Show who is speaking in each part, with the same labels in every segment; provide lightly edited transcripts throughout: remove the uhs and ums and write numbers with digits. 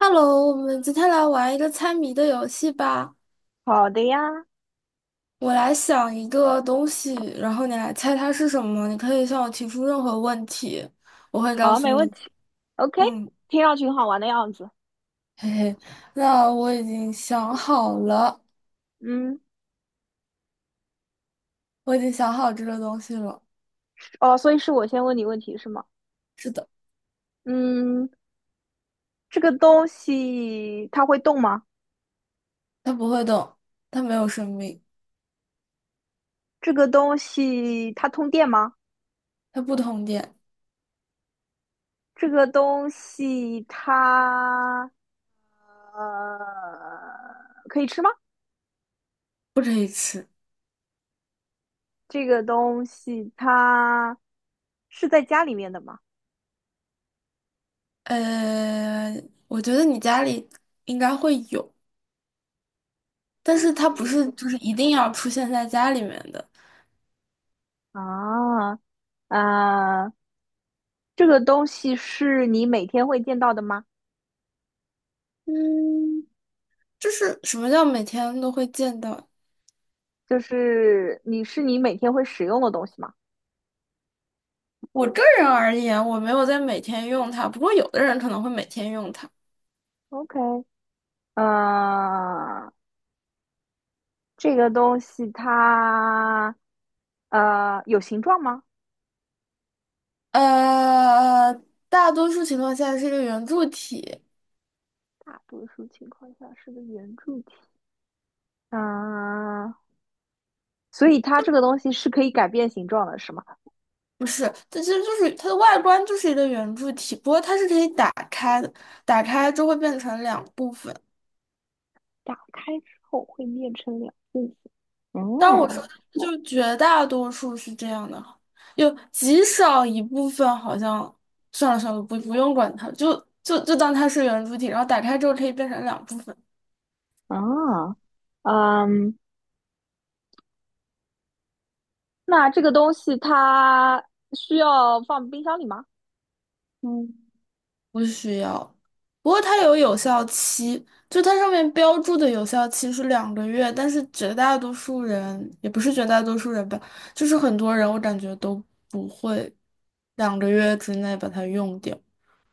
Speaker 1: Hello，我们今天来玩一个猜谜的游戏吧。
Speaker 2: 好的呀。
Speaker 1: 我来想一个东西，然后你来猜它是什么。你可以向我提出任何问题，我会告
Speaker 2: 好，
Speaker 1: 诉
Speaker 2: 没
Speaker 1: 你。
Speaker 2: 问题。OK，
Speaker 1: 嗯，
Speaker 2: 听上去很好玩的样子。
Speaker 1: 嘿嘿，那我已经想好了，
Speaker 2: 嗯，
Speaker 1: 我已经想好这个东西了。
Speaker 2: 哦，所以是我先问你问题是吗？
Speaker 1: 是的，
Speaker 2: 嗯，这个东西它会动吗？
Speaker 1: 它不会动，它没有生命，
Speaker 2: 这个东西它通电吗？
Speaker 1: 它不通电，
Speaker 2: 这个东西它呃可以吃吗？
Speaker 1: 不可以吃。
Speaker 2: 这个东西它是在家里面的吗？
Speaker 1: 呃，我觉得你家里应该会有，但是它不是就是一定要出现在家里面的。
Speaker 2: 啊，啊，这个东西是你每天会见到的吗？
Speaker 1: 嗯。就是什么叫每天都会见到？
Speaker 2: 就是你每天会使用的东西吗？
Speaker 1: 我个人而言，我没有在每天用它，不过有的人可能会每天用它。
Speaker 2: OK，呃，这个东西它有形状吗？
Speaker 1: 呃，大多数情况下是一个圆柱体，
Speaker 2: 大多数情况下是个圆柱体。嗯、呃所以它这个东西是可以改变形状的，是吗？
Speaker 1: 不是，它其实就是它的外观就是一个圆柱体，不过它是可以打开的，打开就会变成两部分。
Speaker 2: 打开之后会变成两部分。
Speaker 1: 当然我说的
Speaker 2: 哦，
Speaker 1: 就绝大多数是这样的，有极少一部分好像算了算了，不用管它，就当它是圆柱体，然后打开之后可以变成两部分。
Speaker 2: 啊，嗯，那这个东西它需要放冰箱里吗？
Speaker 1: 嗯。不需要，不过它有有效期，就它上面标注的有效期是两个月，但是绝大多数人，也不是绝大多数人吧，就是很多人我感觉都不会两个月之内把它用掉。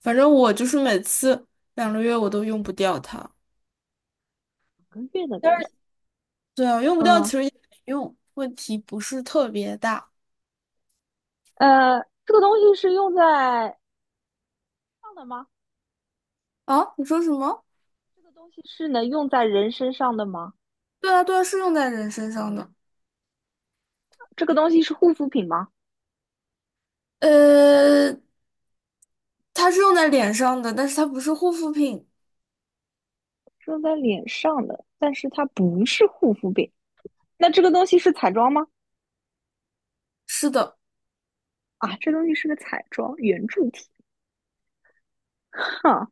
Speaker 1: 反正我就是每次两个月我都用不掉它。
Speaker 2: 两个月的
Speaker 1: 但
Speaker 2: 东西，
Speaker 1: 是对啊，用不掉其
Speaker 2: 嗯，
Speaker 1: 实也没用，问题不是特别大。
Speaker 2: 呃，这个东西是用在上的吗？
Speaker 1: 啊，你说什么？
Speaker 2: 这个东西是能用在人身上的吗？
Speaker 1: 对啊，对啊，是用在人身上的。
Speaker 2: 这个东西是护肤品吗？
Speaker 1: 呃，它是用在脸上的，但是它不是护肤品。
Speaker 2: 是用在脸上的，但是它不是护肤品。那这个东西是彩妆吗？
Speaker 1: 是的，
Speaker 2: 啊，这东西是个彩妆圆柱体。哈，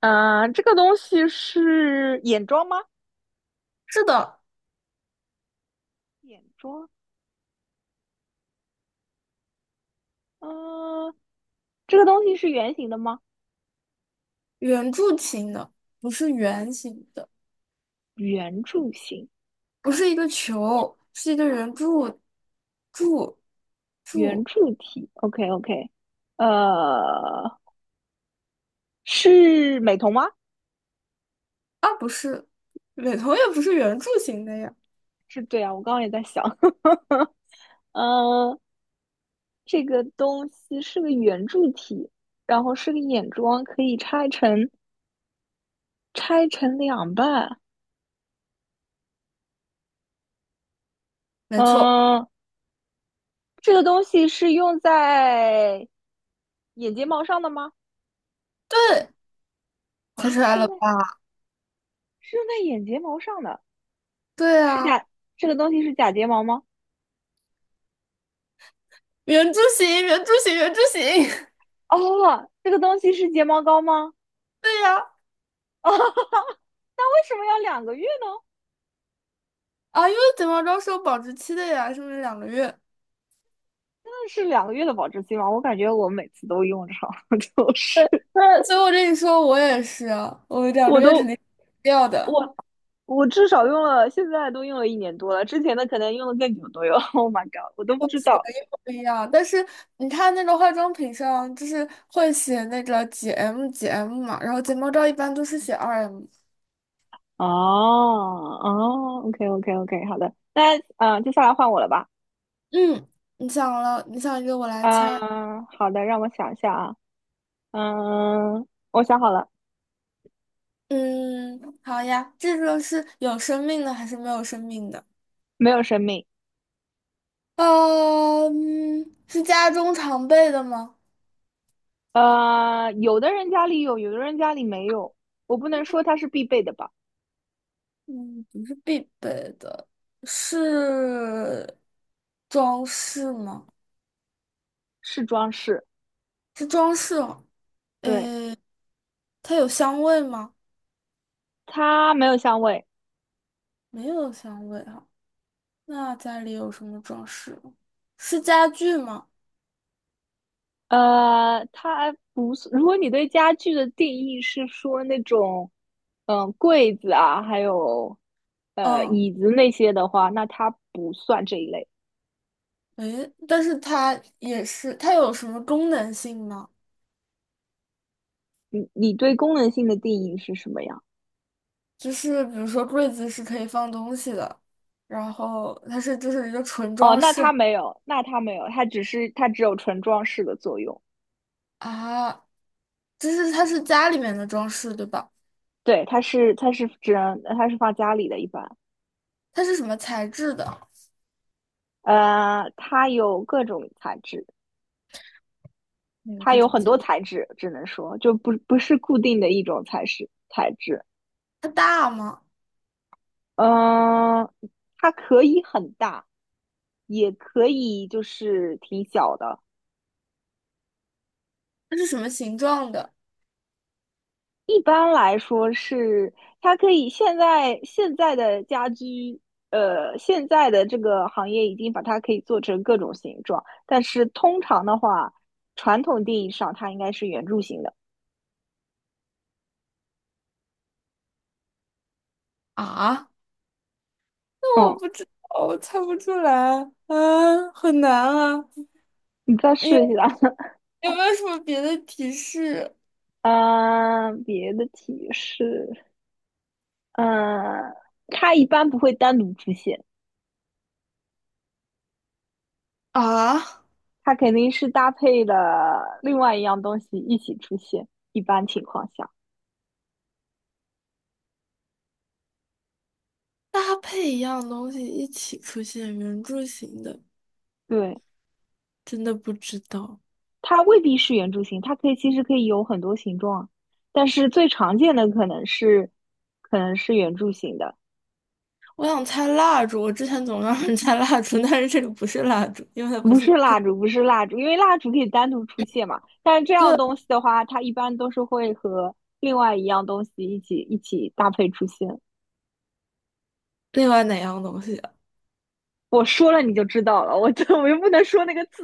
Speaker 2: 啊，这个东西是眼妆吗？
Speaker 1: 是的，
Speaker 2: 眼妆。呃，这个东西是圆形的吗？
Speaker 1: 圆柱形的，不是圆形的，
Speaker 2: 圆柱形，
Speaker 1: 不是一个球，是一个圆柱，柱，
Speaker 2: 圆
Speaker 1: 柱
Speaker 2: 柱体。OK OK。呃，是美瞳吗？
Speaker 1: 啊，不是，美瞳也不是圆柱形的呀。
Speaker 2: 是对啊，我刚刚也在想。嗯，这个东西是个圆柱体，然后是个眼妆，可以拆成两半。
Speaker 1: 没错，
Speaker 2: 嗯、这个东西是用在眼睫毛上的吗？
Speaker 1: 对，
Speaker 2: 啊，
Speaker 1: 猜出来
Speaker 2: 是
Speaker 1: 了
Speaker 2: 用在
Speaker 1: 吧？
Speaker 2: 是用在眼睫毛上的。
Speaker 1: 对
Speaker 2: 是
Speaker 1: 啊，
Speaker 2: 假，这个东西是假睫毛吗？
Speaker 1: 圆柱形，圆柱形，圆柱形，
Speaker 2: 哦，这个东西是睫毛膏吗？
Speaker 1: 对呀。
Speaker 2: 哦，那为什么要两个月呢？
Speaker 1: 啊，因为睫毛膏是有保质期的呀，是不是两个月？
Speaker 2: 真的是两个月的保质期吗？我感觉我每次都用上，就是
Speaker 1: 那所以我跟你说，我也是，我两个
Speaker 2: 我
Speaker 1: 月肯
Speaker 2: 都
Speaker 1: 定掉的，
Speaker 2: 我我至少用了，现在都用了1年多了，之前的可能用的更久都有。Oh my god，我都不知道。
Speaker 1: 不一样。但是你看那个化妆品上，就是会写那个几 M 几 M 嘛，然后睫毛膏一般都是写2M。
Speaker 2: 哦哦，OK OK OK，好的，那接下来换我了吧？
Speaker 1: 嗯，你想了，你想一个，我来猜。
Speaker 2: 嗯、好的，让我想一下啊，嗯、我想好了。
Speaker 1: 嗯，好呀，这个是有生命的还是没有生命的？
Speaker 2: 没有生命。
Speaker 1: 是家中常备的吗？
Speaker 2: 有的人家里有，有的人家里没有，我不能说它是必备的吧。
Speaker 1: 嗯，不是必备的，是装饰吗？
Speaker 2: 是装饰。
Speaker 1: 是装饰哦。
Speaker 2: 对，
Speaker 1: 呃，它有香味吗？
Speaker 2: 它没有香味。
Speaker 1: 没有香味哈，那家里有什么装饰吗？是家具吗？
Speaker 2: 它不是，如果你对家具的定义是说那种，嗯，柜子啊，还有
Speaker 1: 嗯，
Speaker 2: 椅子那些的话，那它不算这一类。
Speaker 1: 诶，但是它也是，它有什么功能性吗？
Speaker 2: 你对功能性的定义是什么呀？
Speaker 1: 就是比如说柜子是可以放东西的，然后它是就是一个纯
Speaker 2: 哦，
Speaker 1: 装
Speaker 2: 那
Speaker 1: 饰
Speaker 2: 它没有，那它没有，它只有纯装饰的作用。
Speaker 1: 啊，就是它是家里面的装饰对吧？
Speaker 2: 对，它是放家里的，一般。
Speaker 1: 它是什么材质的？
Speaker 2: 它有各种材质。
Speaker 1: 那个
Speaker 2: 它
Speaker 1: 这
Speaker 2: 有
Speaker 1: 种
Speaker 2: 很
Speaker 1: 材，
Speaker 2: 多材质，只能说就不是固定的一种材质。
Speaker 1: 它大吗？
Speaker 2: 嗯，它可以很大，也可以就是挺小的。
Speaker 1: 它是什么形状的
Speaker 2: 一般来说是，它可以现在的家居，现在的这个行业已经把它可以做成各种形状，但是通常的话，传统定义上它应该是圆柱形的。
Speaker 1: 啊？那我
Speaker 2: 嗯，
Speaker 1: 不知道，我猜不出来，啊，很难啊！
Speaker 2: 你再试
Speaker 1: 有
Speaker 2: 一下。
Speaker 1: 有没有什么别的提示
Speaker 2: 嗯，别的提示，嗯，它一般不会单独出现。
Speaker 1: 啊？
Speaker 2: 它肯定是搭配的另外一样东西一起出现，一般情况下。
Speaker 1: 搭配一样东西一起出现，圆柱形的，
Speaker 2: 对，
Speaker 1: 真的不知道。
Speaker 2: 它未必是圆柱形，它可以其实可以有很多形状啊，但是最常见的可能是圆柱形的。
Speaker 1: 我想猜蜡烛，我之前总让人猜蜡烛，但是这个不是蜡烛，因为它不
Speaker 2: 不
Speaker 1: 是
Speaker 2: 是
Speaker 1: 它。
Speaker 2: 蜡烛，不是蜡烛，因为蜡烛可以单独出现嘛，但是这样
Speaker 1: 这
Speaker 2: 东西的话，它一般都是会和另外一样东西一起搭配出现。
Speaker 1: 另外哪样东西啊？
Speaker 2: 我说了你就知道了，我这 我又不能说那个字，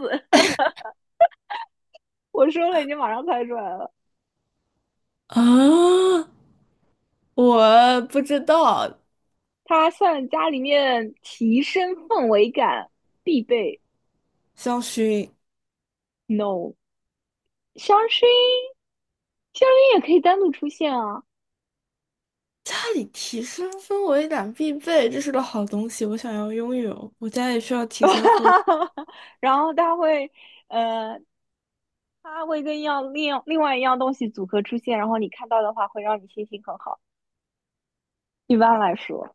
Speaker 2: 我说了你就马上猜出来了。
Speaker 1: 啊我不知道，
Speaker 2: 它算家里面提升氛围感必备。
Speaker 1: 香薰。
Speaker 2: No，香薰，香薰也可以单独出现啊。
Speaker 1: 家里提升氛围感必备，这是个好东西，我想要拥有。我家也需要提升氛。
Speaker 2: 然后它会，呃，跟一样另另外一样东西组合出现，然后你看到的话会让你心情很好。一般来说，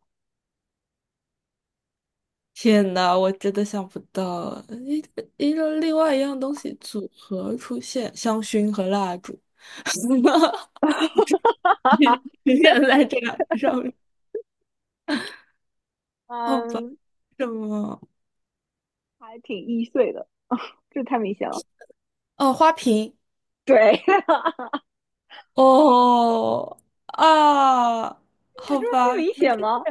Speaker 1: 天呐，我真的想不到，一个另外一样东西组合出现，香薰和蜡烛，永远在这两个上面。好吧，
Speaker 2: 嗯，
Speaker 1: 什么？
Speaker 2: 还挺易碎的，这太明显了。
Speaker 1: 哦，花瓶。
Speaker 2: 对，
Speaker 1: 哦啊，
Speaker 2: 有
Speaker 1: 好
Speaker 2: 这么不
Speaker 1: 吧，
Speaker 2: 明显吗？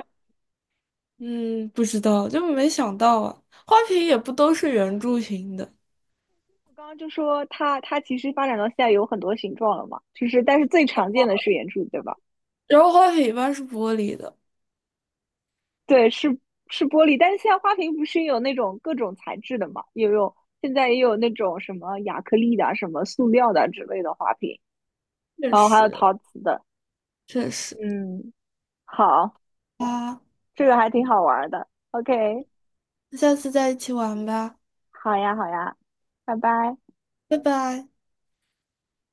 Speaker 1: 嗯，不知道，就没想到啊。花瓶也不都是圆柱形的，
Speaker 2: 我刚刚就说它，它其实发展到现在有很多形状了嘛，就是但是最常见的是圆柱，对吧？
Speaker 1: 然后花瓶一般是玻璃的。
Speaker 2: 对，是玻璃，但是现在花瓶不是也有那种各种材质的嘛？现在也有那种什么亚克力的啊什么塑料的啊之类的花瓶，
Speaker 1: 确
Speaker 2: 然后还有
Speaker 1: 实，
Speaker 2: 陶瓷的。
Speaker 1: 确实。
Speaker 2: 嗯，好，
Speaker 1: 啊，
Speaker 2: 这个还挺好玩儿的。OK，
Speaker 1: 那下次再一起玩吧，
Speaker 2: 好呀，好呀，拜拜。
Speaker 1: 拜拜。